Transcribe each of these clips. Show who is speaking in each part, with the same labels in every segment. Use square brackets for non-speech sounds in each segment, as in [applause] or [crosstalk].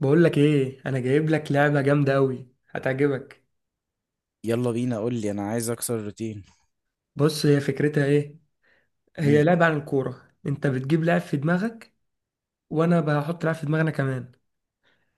Speaker 1: بقول لك ايه، انا جايب لك لعبه جامده قوي هتعجبك.
Speaker 2: يلا بينا، قول لي، انا عايز اكسر الروتين.
Speaker 1: بص، هي فكرتها ايه؟ هي
Speaker 2: امم
Speaker 1: لعبه عن الكوره. انت بتجيب لاعب في دماغك وانا بحط لاعب في دماغنا كمان،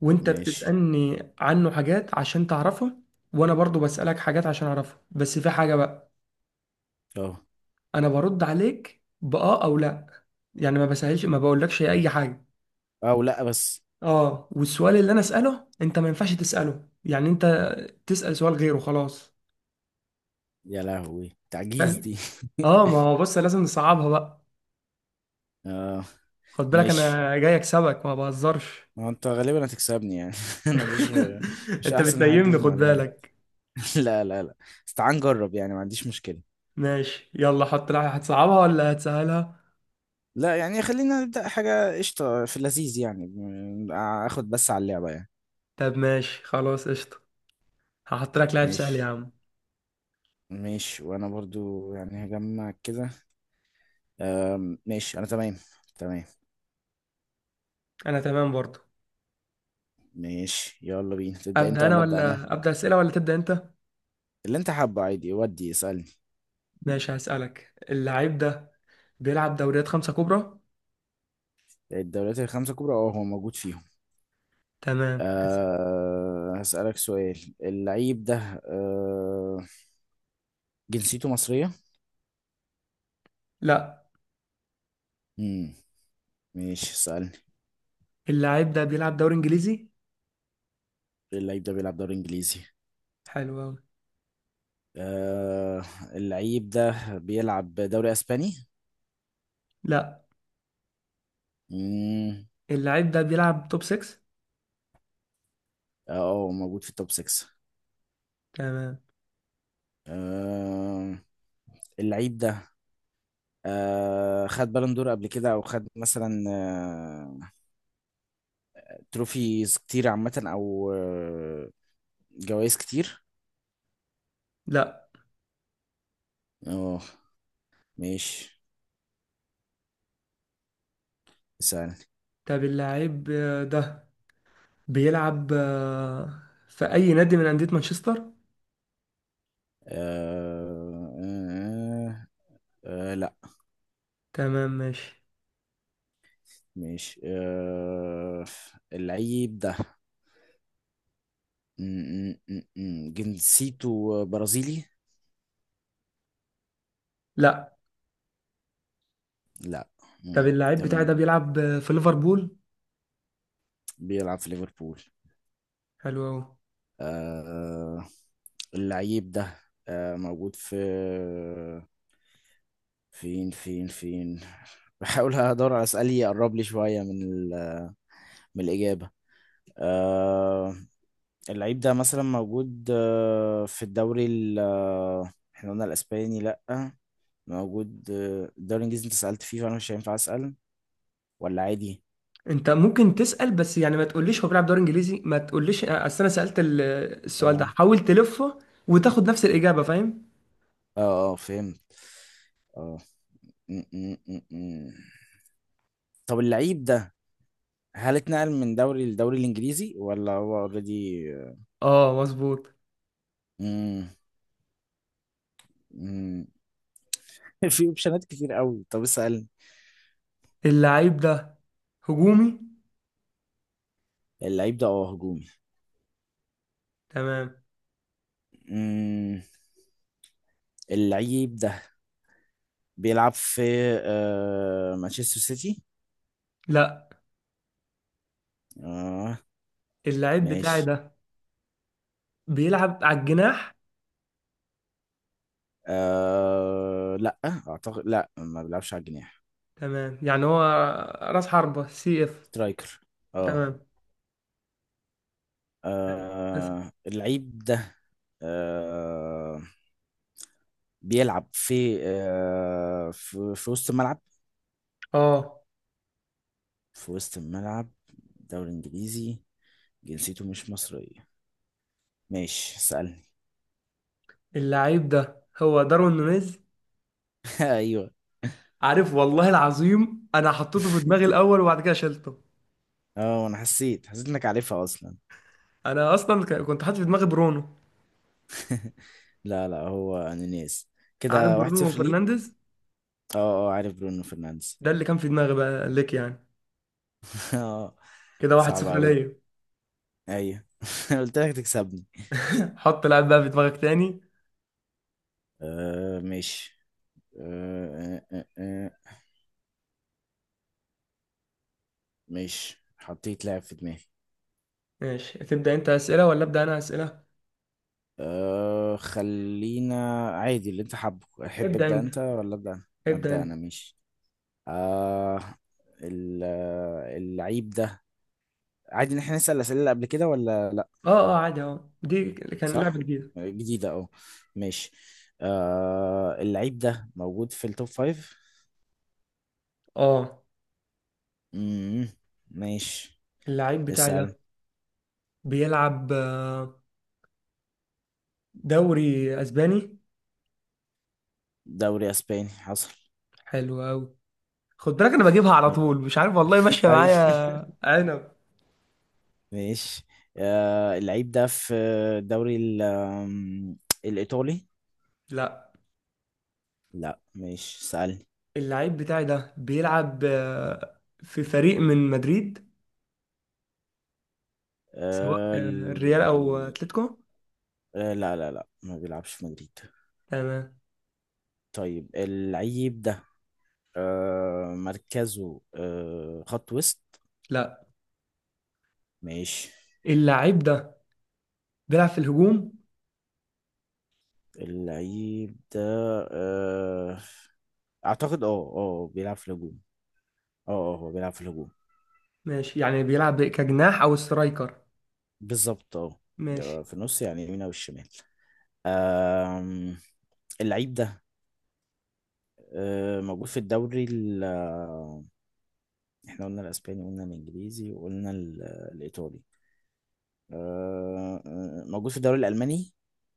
Speaker 1: وانت
Speaker 2: ماشي.
Speaker 1: بتسالني عنه حاجات عشان تعرفه وانا برضو بسالك حاجات عشان اعرفه. بس في حاجه بقى،
Speaker 2: اه
Speaker 1: انا برد عليك باه او لا، يعني ما بسهلش ما بقولكش اي حاجه.
Speaker 2: او لا بس.
Speaker 1: اه، والسؤال اللي انا اساله انت ما ينفعش تساله، يعني انت تسال سؤال غيره خلاص.
Speaker 2: يا لهوي تعجيز
Speaker 1: فاهم؟
Speaker 2: دي.
Speaker 1: اه ما هو بص لازم نصعبها بقى.
Speaker 2: [laughs] اه
Speaker 1: خد بالك
Speaker 2: ماشي.
Speaker 1: انا جاي اكسبك، ما بهزرش.
Speaker 2: ما انت غالبا هتكسبني يعني، [laughs] انا مش
Speaker 1: [laughs]
Speaker 2: مش
Speaker 1: انت
Speaker 2: احسن حد في
Speaker 1: بتنيمني، خد
Speaker 2: المعلومات.
Speaker 1: بالك.
Speaker 2: [laughs] لا لا لا، بس تعال نجرب يعني، ما عنديش مشكلة.
Speaker 1: ماشي، يلا حط لك. هتصعبها ولا هتسهلها؟
Speaker 2: لا يعني خلينا نبدأ حاجة قشطة في اللذيذ يعني، اخد بس على اللعبة يعني.
Speaker 1: طب ماشي خلاص قشطة، هحط لك لاعب سهل يا
Speaker 2: ماشي.
Speaker 1: عم.
Speaker 2: ماشي، وانا برضو يعني هجمع كده. ماشي انا تمام. تمام.
Speaker 1: انا تمام برضو.
Speaker 2: ماشي، يلا بينا، تبدأ انت
Speaker 1: ابدا انا
Speaker 2: ولا ابدأ انا؟
Speaker 1: ولا ابدا اسئلة ولا تبدا انت؟
Speaker 2: اللي انت حابه، عادي، ودي اسألني.
Speaker 1: ماشي، هسألك. اللاعب ده بيلعب دوريات خمسة كبرى.
Speaker 2: الدوريات الخمسة الكبرى، اه هو موجود فيهم.
Speaker 1: تمام.
Speaker 2: أه هسألك سؤال، اللعيب ده، أه جنسيته مصرية؟
Speaker 1: لا.
Speaker 2: مم. ماشي اسألني.
Speaker 1: اللاعب ده بيلعب دوري انجليزي.
Speaker 2: اللعيب ده بيلعب دوري انجليزي.
Speaker 1: حلو أوي.
Speaker 2: أه اللعيب ده بيلعب دوري اسباني؟
Speaker 1: لا.
Speaker 2: مم.
Speaker 1: اللاعب ده بيلعب توب 6.
Speaker 2: اه هو موجود في التوب 6.
Speaker 1: تمام.
Speaker 2: أه اللعيب ده، أه خد بالون دور قبل كده، او خد مثلا أه تروفيز كتير عامة، او أه جوائز كتير.
Speaker 1: لا.
Speaker 2: اه ماشي اسألني.
Speaker 1: طب اللاعب ده بيلعب في أي نادي من أندية مانشستر؟
Speaker 2: آه آه لا.
Speaker 1: تمام ماشي.
Speaker 2: ماشي آه، اللعيب ده م- م- م- م. جنسيته برازيلي.
Speaker 1: لا.
Speaker 2: لا. م.
Speaker 1: طب اللعيب بتاعي ده
Speaker 2: تمام.
Speaker 1: بيلعب في ليفربول.
Speaker 2: بيلعب في ليفربول.
Speaker 1: حلو أوي.
Speaker 2: آه اللعيب ده آه موجود في فين فين فين، [laughs] بحاول ادور على اسئله يقرب لي شويه من من الاجابه. آه اللعيب ده مثلا موجود في الدوري ال احنا قلنا الاسباني لا، موجود الدوري الانجليزي انت سألت فيه، فانا مش هينفع اسأل، ولا عادي؟
Speaker 1: أنت ممكن تسأل، بس يعني ما تقوليش هو بيلعب دوري إنجليزي، ما تقوليش أصل أنا سألت السؤال ده.
Speaker 2: اه
Speaker 1: حاول تلفه وتاخد نفس الإجابة. فاهم؟
Speaker 2: اه فهمت. اه. م- م- م- م. طب اللعيب ده هل اتنقل من دوري للدوري الانجليزي ولا هو اوريدي؟
Speaker 1: أه مظبوط.
Speaker 2: امم امم [laughs] في اوبشنات كتير قوي. طب اسأل.
Speaker 1: اللعيب ده هجومي.
Speaker 2: اللعيب ده اه هجومي.
Speaker 1: تمام.
Speaker 2: مم. اللعيب ده بيلعب في آه مانشستر سيتي.
Speaker 1: لا.
Speaker 2: آه
Speaker 1: اللعيب بتاعي
Speaker 2: ماشي.
Speaker 1: ده بيلعب على الجناح.
Speaker 2: لا اعتقد، لا، ما بيلعبش على الجناح.
Speaker 1: تمام، يعني هو راس حربة، سي اف.
Speaker 2: سترايكر اه.
Speaker 1: تمام. بس.
Speaker 2: اللعيب ده آه... بيلعب في في وسط الملعب.
Speaker 1: اه،
Speaker 2: في وسط الملعب، دوري انجليزي، جنسيته مش مصرية. ماشي اسألني.
Speaker 1: اللعيب ده هو داروين نونيز.
Speaker 2: [laughs] ايوه.
Speaker 1: عارف، والله العظيم انا حطيته في دماغي الاول وبعد كده شلته.
Speaker 2: اه انا حسيت انك عارفها اصلا.
Speaker 1: انا اصلا كنت حاطط في دماغي برونو.
Speaker 2: [laughs] لا لا، هو انونيز.
Speaker 1: عارف
Speaker 2: كده واحد
Speaker 1: برونو
Speaker 2: صفر ليك.
Speaker 1: فرنانديز،
Speaker 2: اه. اه عارف برونو فرنانديز.
Speaker 1: ده اللي كان في دماغي بقى ليك يعني.
Speaker 2: [laughs] اه.
Speaker 1: كده واحد
Speaker 2: صعب
Speaker 1: صفر
Speaker 2: اوي.
Speaker 1: ليا.
Speaker 2: ايوه [laughs] أنا قلت لك تكسبني.
Speaker 1: [laughs] حط لعيب بقى في دماغك تاني.
Speaker 2: آه ماشي. آه آه آه آه، ماشي، حطيت لاعب في دماغي.
Speaker 1: ماشي، تبدأ انت اسئله ولا ابدأ انا اسئله؟
Speaker 2: آه خلينا، عادي اللي انت حابه، احب
Speaker 1: ابدأ
Speaker 2: ابدا
Speaker 1: انت.
Speaker 2: انت ولا ابدا انا؟
Speaker 1: ابدأ
Speaker 2: ابدا
Speaker 1: انت.
Speaker 2: انا، ماشي. آه، اللعيب ده، عادي ان احنا نسال الاسئله اللي قبل كده ولا لا؟
Speaker 1: اه اه عادي، اه دي كان لعبه
Speaker 2: صح.
Speaker 1: جديده.
Speaker 2: آه، جديده، اه. ماشي. آه اللعيب ده موجود في التوب فايف.
Speaker 1: اه.
Speaker 2: مم، ماشي.
Speaker 1: اللعيب بتاعي
Speaker 2: اسال.
Speaker 1: ده بيلعب دوري اسباني.
Speaker 2: دوري اسباني، حصل.
Speaker 1: حلو قوي. خد بالك انا بجيبها على طول، مش عارف والله ماشيه
Speaker 2: اي
Speaker 1: معايا عنب.
Speaker 2: [laughs] ماشي. آه، اللعيب ده في الدوري ال- آم، الإيطالي.
Speaker 1: لا.
Speaker 2: لا مش سألني.
Speaker 1: اللعيب بتاعي ده بيلعب في فريق من مدريد، سواء
Speaker 2: آه،
Speaker 1: الريال او
Speaker 2: ال-
Speaker 1: اتلتيكو.
Speaker 2: لا لا لا، ما بيلعبش في مدريد.
Speaker 1: تمام.
Speaker 2: طيب اللعيب ده مركزه خط وسط.
Speaker 1: لا.
Speaker 2: ماشي.
Speaker 1: اللعيب ده بيلعب في الهجوم.
Speaker 2: اللعيب ده آه، أعتقد اه، اه بيلعب في الهجوم. اه هو بيلعب في الهجوم.
Speaker 1: ماشي، يعني بيلعب كجناح او سترايكر.
Speaker 2: بالظبط
Speaker 1: ماشي.
Speaker 2: اه. في النص، يعني اليمين أو الشمال. آم، اللعيب ده موجود في الدوري احنا قلنا الاسباني، قلنا الانجليزي، وقلنا الايطالي. موجود في الدوري الالماني.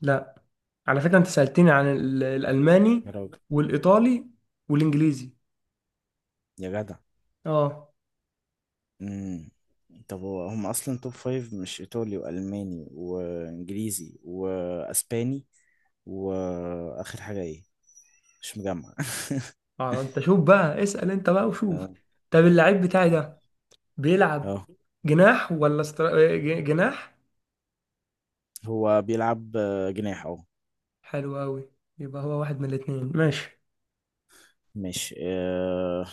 Speaker 1: لا، على فكره انت سالتني عن
Speaker 2: يا
Speaker 1: الالماني
Speaker 2: راجل.
Speaker 1: والايطالي والانجليزي.
Speaker 2: يا جدع.
Speaker 1: اه.
Speaker 2: مم. طب هو هم اصلا توب فايف، مش ايطالي والماني وانجليزي واسباني، واخر حاجه ايه؟ مش مجمع [laughs]
Speaker 1: اه انت شوف بقى، اسال انت بقى وشوف.
Speaker 2: اه.
Speaker 1: طب اللعيب بتاعي ده بيلعب
Speaker 2: آه.
Speaker 1: جناح ولا جناح.
Speaker 2: هو بيلعب جناح اهو.
Speaker 1: حلو أوي، يبقى هو واحد من الاتنين. ماشي.
Speaker 2: ماشي آه،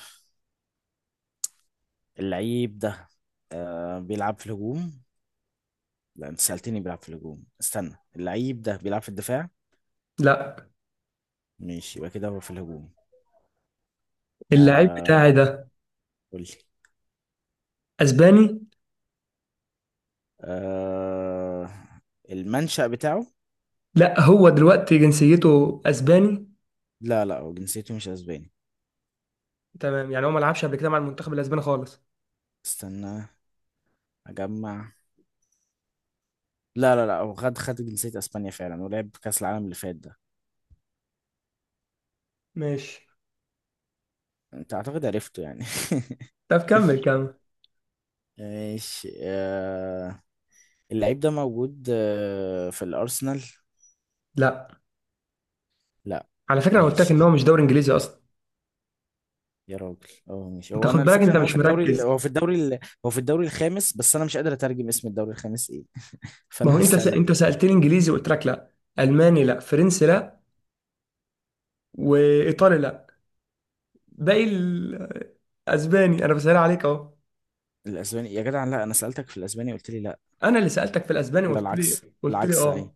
Speaker 2: اللعيب ده بيلعب في الهجوم. لا، انت سألتني بيلعب في الهجوم. استنى، اللعيب ده بيلعب في الدفاع.
Speaker 1: لا.
Speaker 2: ماشي، يبقى كده هو في الهجوم.
Speaker 1: اللاعب
Speaker 2: آه
Speaker 1: بتاعي ده
Speaker 2: قول لي.
Speaker 1: اسباني.
Speaker 2: آه المنشأ بتاعه.
Speaker 1: لا، هو دلوقتي جنسيته اسباني.
Speaker 2: لا لا، هو جنسيته مش اسباني.
Speaker 1: تمام، يعني هو ما لعبش قبل كده مع المنتخب الاسباني خالص؟
Speaker 2: استنى اجمع. لا لا لا، هو خد جنسية اسبانيا فعلا، ولعب كأس العالم اللي فات ده.
Speaker 1: ماشي.
Speaker 2: انت اعتقد عرفته يعني.
Speaker 1: طب كمل كمل.
Speaker 2: [laughs] ماشي آه، اللعيب ده موجود آه في الارسنال.
Speaker 1: لا،
Speaker 2: لا.
Speaker 1: على فكرة انا قلت لك ان هو
Speaker 2: ماشي.
Speaker 1: مش دوري انجليزي اصلا.
Speaker 2: يا راجل. اه ماشي،
Speaker 1: انت
Speaker 2: هو
Speaker 1: خد
Speaker 2: انا
Speaker 1: بالك،
Speaker 2: الفكره
Speaker 1: انت
Speaker 2: ان هو في
Speaker 1: مش
Speaker 2: الدوري
Speaker 1: مركز.
Speaker 2: هو في الدوري الخامس، بس انا مش قادر اترجم اسم الدوري الخامس ايه،
Speaker 1: ما هو
Speaker 2: فانا [laughs]
Speaker 1: انت انت
Speaker 2: هسالك.
Speaker 1: سألتني انجليزي وقلت لك لا، الماني لا، فرنسي لا، وايطالي لا. باقي اسباني، انا بسأل عليك اهو.
Speaker 2: الاسباني يا جدع، لا انا سالتك في الاسباني قلت لي لا،
Speaker 1: انا اللي سالتك في الاسباني.
Speaker 2: ولا
Speaker 1: قلت لي
Speaker 2: العكس؟
Speaker 1: قلت لي
Speaker 2: العكس اي.
Speaker 1: اه.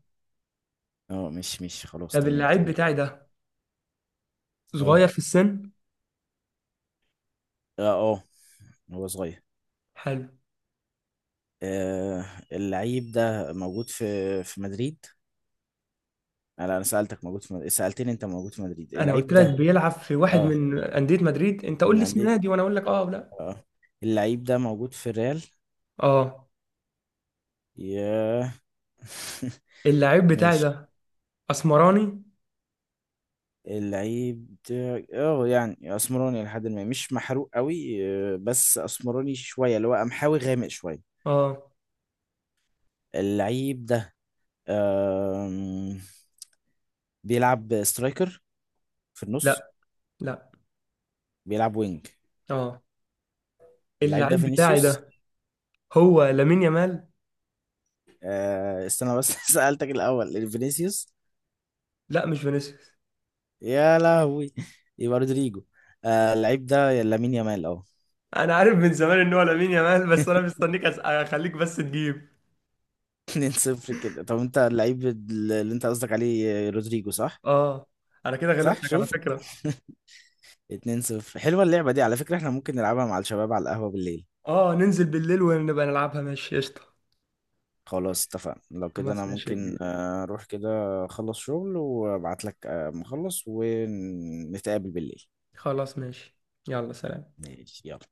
Speaker 2: اه مش خلاص،
Speaker 1: طب
Speaker 2: تمام
Speaker 1: اللعيب
Speaker 2: تمام.
Speaker 1: بتاعي ده
Speaker 2: اه
Speaker 1: صغير في السن.
Speaker 2: اه اه، هو صغير.
Speaker 1: حلو.
Speaker 2: آه اللعيب ده موجود في في مدريد. آه، لا انا سالتك موجود في مدريد. سالتني انت موجود في مدريد
Speaker 1: انا
Speaker 2: اللعيب
Speaker 1: قلت لك
Speaker 2: ده.
Speaker 1: بيلعب في واحد
Speaker 2: اه،
Speaker 1: من انديه مدريد، انت قول
Speaker 2: من
Speaker 1: لي اسم
Speaker 2: انديه.
Speaker 1: نادي وانا اقول لك اه او لا.
Speaker 2: اه اللعيب ده موجود في الريال.
Speaker 1: اه.
Speaker 2: يا [laughs]
Speaker 1: اللعيب بتاعي
Speaker 2: ماشي.
Speaker 1: ده اسمراني.
Speaker 2: اللعيب بتاعي اه يعني اسمراني، لحد ما مش محروق قوي. آه، بس اسمراني شويه، اللي هو قمحاوي غامق شويه.
Speaker 1: اه.
Speaker 2: اللعيب ده آم، بيلعب سترايكر في النص.
Speaker 1: لا لا.
Speaker 2: بيلعب وينج.
Speaker 1: اه،
Speaker 2: اللعيب ده
Speaker 1: اللعيب بتاعي
Speaker 2: فينيسيوس.
Speaker 1: ده هو لامين يامال.
Speaker 2: آه، استنى بس، [laughs] سألتك الاول فينيسيوس.
Speaker 1: لا مش فينيسيوس.
Speaker 2: يا لهوي، يبقى رودريجو. آه، اللعيب ده يا لامين يامال اه.
Speaker 1: انا عارف من زمان ان هو لامين يامال، بس انا مستنيك اخليك بس تجيب.
Speaker 2: [laughs] 2-0 كده. طب انت اللعيب اللي انت قصدك عليه رودريجو صح؟
Speaker 1: اه، انا كده
Speaker 2: صح،
Speaker 1: غلبتك على
Speaker 2: شفت
Speaker 1: فكره.
Speaker 2: [laughs] اتنين صفر. حلوة اللعبة دي، على فكرة احنا ممكن نلعبها مع الشباب على القهوة بالليل.
Speaker 1: اه ننزل بالليل ونبقى نلعبها، ماشي قشطه.
Speaker 2: خلاص اتفقنا، لو كده انا
Speaker 1: خلاص ماشي يا
Speaker 2: ممكن
Speaker 1: كبير.
Speaker 2: آه، اروح كده، اخلص شغل وابعت لك، مخلص، ونتقابل بالليل.
Speaker 1: خلاص ماشي، يلا سلام.
Speaker 2: ماشي يلا.